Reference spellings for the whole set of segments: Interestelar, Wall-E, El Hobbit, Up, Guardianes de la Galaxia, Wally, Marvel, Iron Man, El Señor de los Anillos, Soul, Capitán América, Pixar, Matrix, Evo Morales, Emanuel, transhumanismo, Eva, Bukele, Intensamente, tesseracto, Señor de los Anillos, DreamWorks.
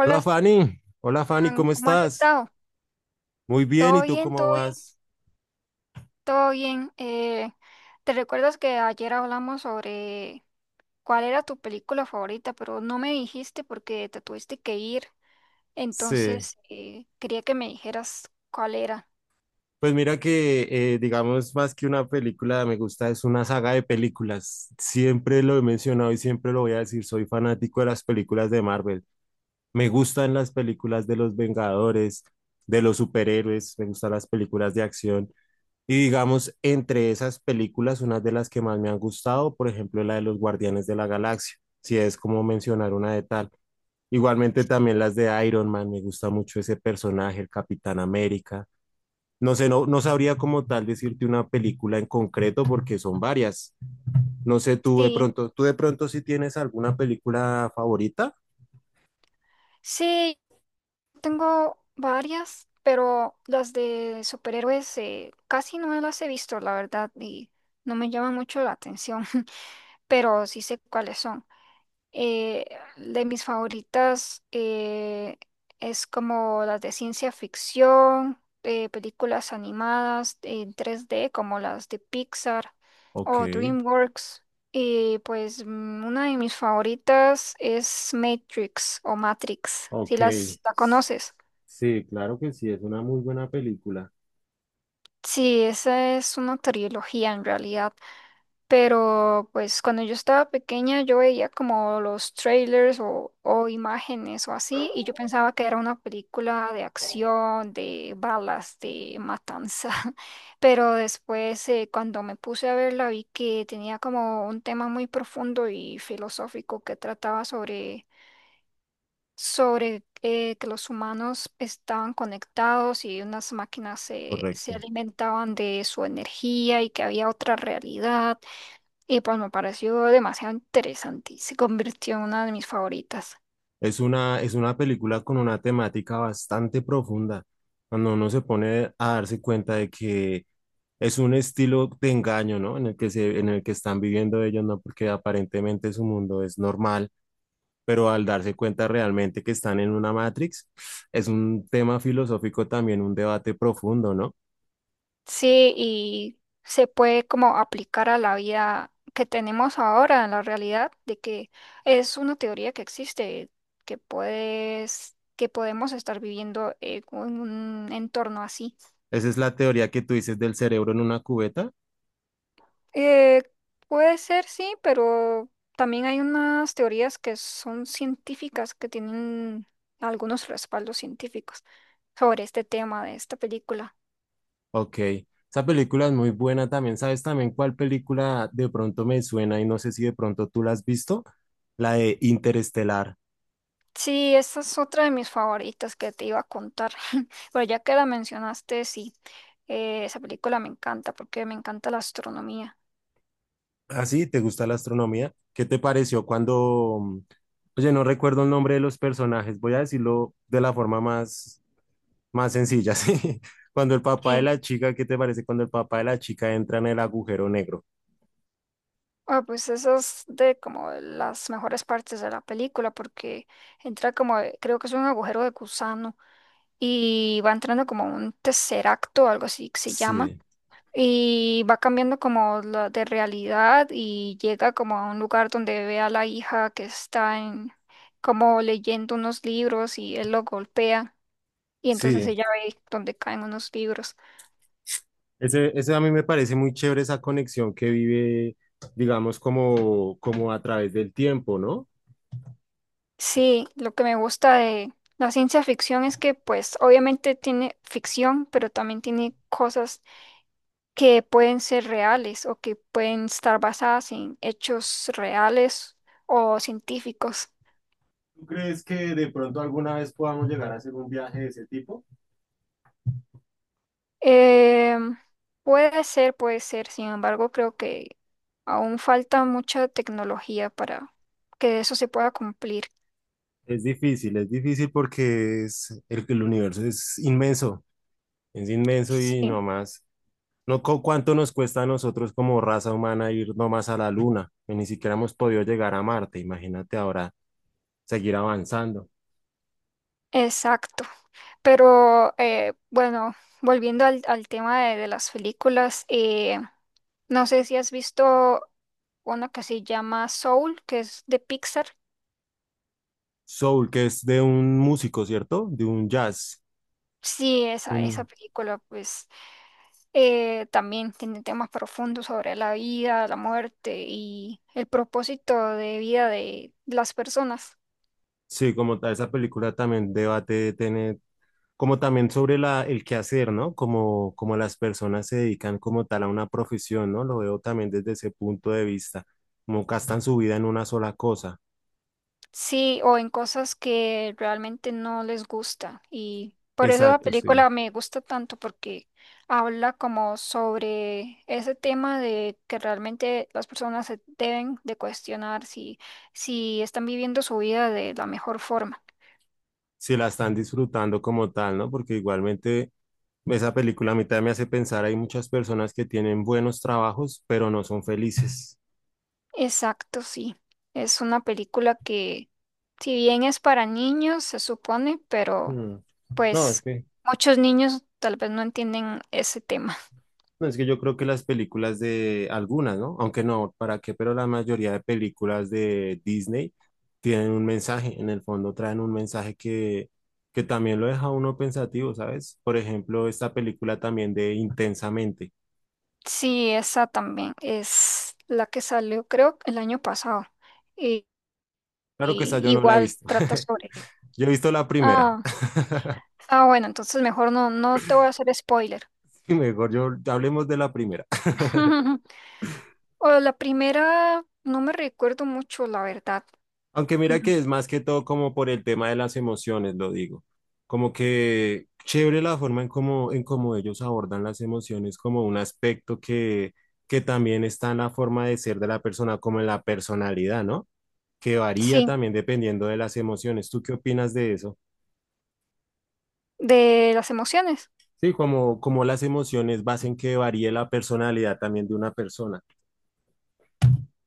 Hola Fanny, Stan, ¿cómo ¿cómo has estás? estado? Muy bien, ¿y ¿Todo tú bien? ¿Todo cómo bien? vas? ¿Todo bien? ¿Te recuerdas que ayer hablamos sobre cuál era tu película favorita, pero no me dijiste porque te tuviste que ir? Sí, Entonces, quería que me dijeras cuál era. pues mira que digamos más que una película, me gusta, es una saga de películas. Siempre lo he mencionado y siempre lo voy a decir, soy fanático de las películas de Marvel. Me gustan las películas de los Vengadores, de los superhéroes, me gustan las películas de acción. Y digamos, entre esas películas, una de las que más me han gustado, por ejemplo, la de los Guardianes de la Galaxia, si es como mencionar una de tal. Igualmente también las de Iron Man, me gusta mucho ese personaje, el Capitán América. No sé, no, no sabría como tal decirte una película en concreto porque son varias. No sé, Sí, tú de pronto si tienes alguna película favorita. sí, tengo varias, pero las de superhéroes casi no las he visto, la verdad, y no me llaman mucho la atención, pero sí sé cuáles son. Eh, de mis favoritas es como las de ciencia ficción, películas animadas en 3D como las de Pixar Ok, o DreamWorks. Y pues una de mis favoritas es Matrix o Matrix, si ok. las la conoces. Sí, claro que sí, es una muy buena película. Sí, esa es una trilogía en realidad. Pero pues cuando yo estaba pequeña yo veía como los trailers o imágenes o así y yo pensaba que era una película de acción, de balas, de matanza. Pero después cuando me puse a verla vi que tenía como un tema muy profundo y filosófico que trataba sobre, sobre que los humanos estaban conectados y unas máquinas se Correcto. alimentaban de su energía y que había otra realidad. Y pues me pareció demasiado interesante y se convirtió en una de mis favoritas. Es una película con una temática bastante profunda, cuando uno se pone a darse cuenta de que es un estilo de engaño, ¿no? En el que se, en el que están viviendo ellos, ¿no? Porque aparentemente su mundo es normal, pero al darse cuenta realmente que están en una Matrix, es un tema filosófico también, un debate profundo, ¿no? Sí, y se puede como aplicar a la vida que tenemos ahora, en la realidad, de que es una teoría que existe, que puedes, que podemos estar viviendo en un entorno así. Esa es la teoría que tú dices del cerebro en una cubeta. Eh, Puede ser, sí, pero también hay unas teorías que son científicas, que tienen algunos respaldos científicos sobre este tema de esta película. Ok, esa película es muy buena también. ¿Sabes también cuál película de pronto me suena y no sé si de pronto tú la has visto? La de Interestelar. Sí, esta es otra de mis favoritas que te iba a contar, pero ya que la mencionaste, sí, esa película me encanta porque me encanta la astronomía. ¿Ah, sí? ¿Te gusta la astronomía? ¿Qué te pareció cuando... oye, no recuerdo el nombre de los personajes, voy a decirlo de la forma más, más sencilla, ¿sí? Cuando el papá de Sí, la chica, ¿qué te parece cuando el papá de la chica entra en el agujero negro? ah, pues esa es de como de las mejores partes de la película porque entra como, creo que es un agujero de gusano y va entrando como un tesseracto o algo así que se llama. Sí, Y va cambiando como la de realidad y llega como a un lugar donde ve a la hija que está en, como leyendo unos libros y él lo golpea y entonces sí. ella ve donde caen unos libros. Ese a mí me parece muy chévere esa conexión que vive, digamos, como, como a través del tiempo, ¿no? Sí, lo que me gusta de la ciencia ficción es que pues obviamente tiene ficción, pero también tiene cosas que pueden ser reales o que pueden estar basadas en hechos reales o científicos. ¿Tú crees que de pronto alguna vez podamos llegar a hacer un viaje de ese tipo? Em, Puede ser, puede ser. Sin embargo, creo que aún falta mucha tecnología para que eso se pueda cumplir. Es difícil porque es, el universo es inmenso y Sí, no más. No, ¿cuánto nos cuesta a nosotros como raza humana ir nomás a la Luna? Y ni siquiera hemos podido llegar a Marte, imagínate ahora seguir avanzando. exacto. Pero bueno, volviendo al tema de las películas, no sé si has visto una que se llama Soul, que es de Pixar. Soul, que es de un músico, ¿cierto? De un jazz. Sí, esa película, pues también tiene temas profundos sobre la vida, la muerte y el propósito de vida de las personas. Sí, como tal, esa película también debate tener, como también sobre la, el quehacer, ¿no? Como, como las personas se dedican como tal a una profesión, ¿no? Lo veo también desde ese punto de vista, como gastan su vida en una sola cosa. Sí, o en cosas que realmente no les gusta. Y por eso la Exacto, sí. película me gusta tanto porque habla como sobre ese tema de que realmente las personas se deben de cuestionar si, si están viviendo su vida de la mejor forma. Si la están disfrutando como tal, ¿no? Porque igualmente esa película a mí también me hace pensar, hay muchas personas que tienen buenos trabajos, pero no son felices. Exacto, sí. Es una película que, si bien es para niños, se supone, pero Mm. No, es pues que muchos niños tal vez no entienden ese tema. No, es que yo creo que las películas de algunas, ¿no? Aunque no, ¿para qué? Pero la mayoría de películas de Disney tienen un mensaje, en el fondo traen un mensaje que también lo deja a uno pensativo, ¿sabes? Por ejemplo, esta película también de Intensamente. Sí, esa también es la que salió, creo, el año pasado. Y, Claro que esa y yo no la he igual visto. trata sobre... Yo he visto la primera. Ah, ah, bueno, entonces mejor no, no te voy a hacer spoiler. Mejor yo hablemos de la primera. O la primera, no me recuerdo mucho, la verdad. Aunque mira Mm. que es más que todo como por el tema de las emociones, lo digo. Como que chévere la forma en cómo ellos abordan las emociones como un aspecto que también está en la forma de ser de la persona, como en la personalidad, ¿no? Que varía Sí, también dependiendo de las emociones. ¿Tú qué opinas de eso? de las emociones. Sí, como, como las emociones hacen que varíe la personalidad también de una persona.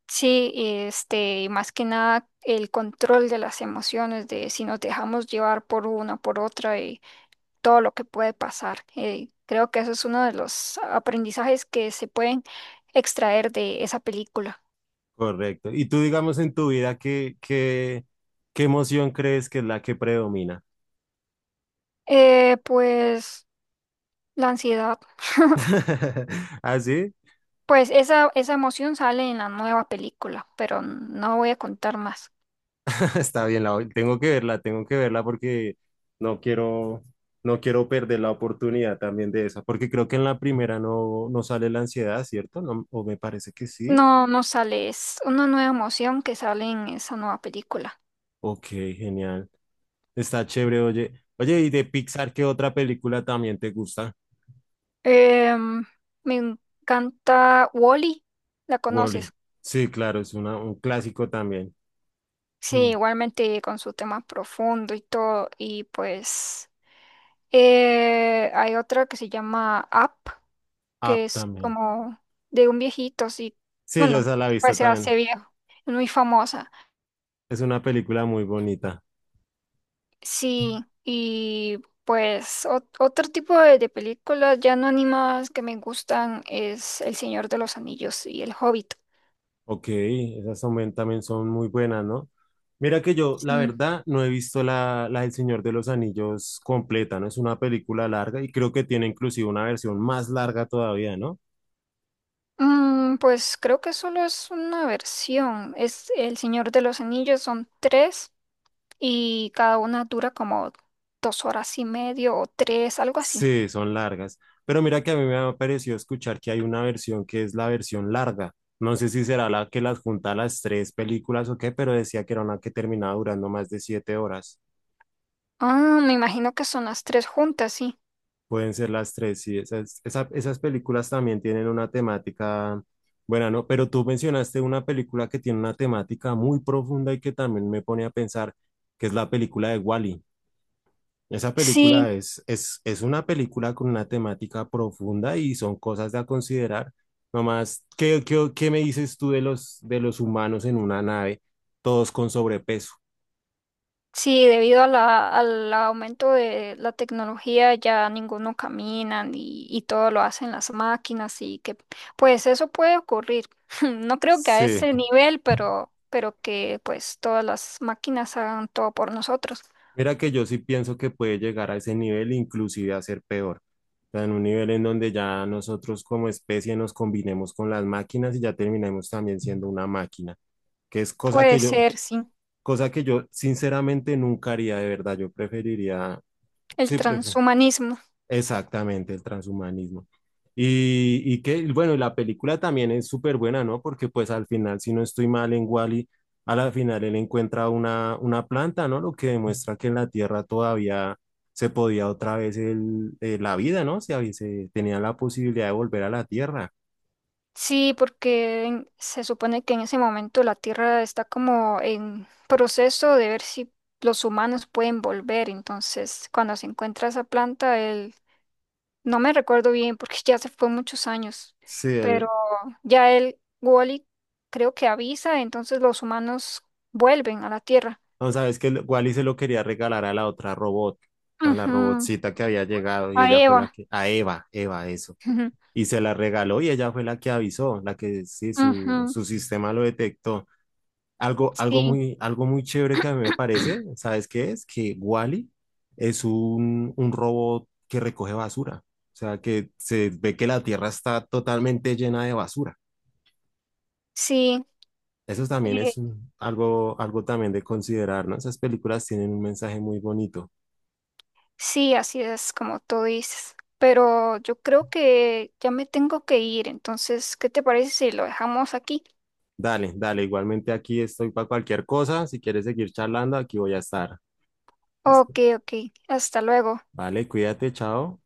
Sí, este, y más que nada el control de las emociones, de si nos dejamos llevar por una, por otra y todo lo que puede pasar. Creo que eso es uno de los aprendizajes que se pueden extraer de esa película. Correcto. Y tú, digamos, en tu vida, ¿qué, qué, qué emoción crees que es la que predomina? Pues la ansiedad. ¿Así? Pues esa emoción sale en la nueva película, pero no voy a contar más. Está bien, la, tengo que verla porque no quiero, no quiero perder la oportunidad también de esa, porque creo que en la primera no, no sale la ansiedad, ¿cierto? No, o me parece que sí. No, no sale, es una nueva emoción que sale en esa nueva película. Ok, genial. Está chévere, oye. Oye, ¿y de Pixar qué otra película también te gusta? Em, Me encanta Wally, ¿la Wall-E. conoces? Sí, claro, es una, un clásico también. Sí, Mm, igualmente con su tema profundo y todo. Y pues hay otra que se llama Up, que Up es también. como de un viejito, sí. Sí, yo Bueno, esa la he visto pues se también. hace viejo, es muy famosa. Es una película muy bonita. Sí, y pues otro tipo de películas ya no animadas que me gustan es El Señor de los Anillos y El Hobbit. Ok, esas también, también son muy buenas, ¿no? Mira que yo, la Sí. verdad, no he visto la, la del Señor de los Anillos completa, ¿no? Es una película larga y creo que tiene inclusive una versión más larga todavía, ¿no? Mm, pues creo que solo es una versión. Es El Señor de los Anillos, son tres y cada una dura como 2 horas y medio o tres, algo así. Sí, son largas. Pero mira que a mí me ha parecido escuchar que hay una versión que es la versión larga. No sé si será la que las junta las tres películas o qué, pero decía que era una que terminaba durando más de 7 horas. Ah, me imagino que son las tres juntas, sí. Pueden ser las tres, sí. Esas, esas películas también tienen una temática buena, ¿no? Pero tú mencionaste una película que tiene una temática muy profunda y que también me pone a pensar, que es la película de Wall-E. Esa Sí, película es una película con una temática profunda y son cosas a considerar. Nomás, ¿qué, qué, qué me dices tú de los humanos en una nave, todos con sobrepeso? sí, debido a la, al aumento de la tecnología ya ninguno camina y todo lo hacen las máquinas y que pues eso puede ocurrir. No creo que a Sí. ese nivel, pero que pues todas las máquinas hagan todo por nosotros. Mira que yo sí pienso que puede llegar a ese nivel, inclusive a ser peor. O sea, en un nivel en donde ya nosotros como especie nos combinemos con las máquinas y ya terminemos también siendo una máquina, que es Puede ser, sí, cosa que yo sinceramente nunca haría de verdad. Yo preferiría, el sí, pref- transhumanismo. Exactamente, el transhumanismo. Y que, bueno, y la película también es súper buena, ¿no? Porque pues al final, si no estoy mal en Wall-E, a la final él encuentra una planta, ¿no? Lo que demuestra que en la Tierra todavía se podía otra vez el, la vida, ¿no? Se, se tenía la posibilidad de volver a la Tierra. Sí, porque se supone que en ese momento la Tierra está como en proceso de ver si los humanos pueden volver. Entonces, cuando se encuentra esa planta, él, no me recuerdo bien porque ya se fue muchos años, Sí, pero él, ya él, Wally, creo que avisa, entonces los humanos vuelven a la Tierra. no sabes que Wally se lo quería regalar a la otra robot, a la Ujú. robotcita que había llegado y A ella fue la Eva. que, a Eva, Eva, eso. Y se la regaló y ella fue la que avisó, la que sí, su, Ujú. su sistema lo detectó. Algo, Sí, algo muy chévere que a mí me parece, ¿sabes qué es? Que Wall-E es un robot que recoge basura, o sea, que se ve que la Tierra está totalmente llena de basura. sí. Eso también es eh, algo, algo también de considerar, ¿no? Esas películas tienen un mensaje muy bonito. Sí, así es como tú dices. Pero yo creo que ya me tengo que ir. Entonces, ¿qué te parece si lo dejamos aquí? Dale, dale, igualmente aquí estoy para cualquier cosa. Si quieres seguir charlando, aquí voy a estar. Listo. Ok, ok. Hasta luego. Vale, cuídate, chao.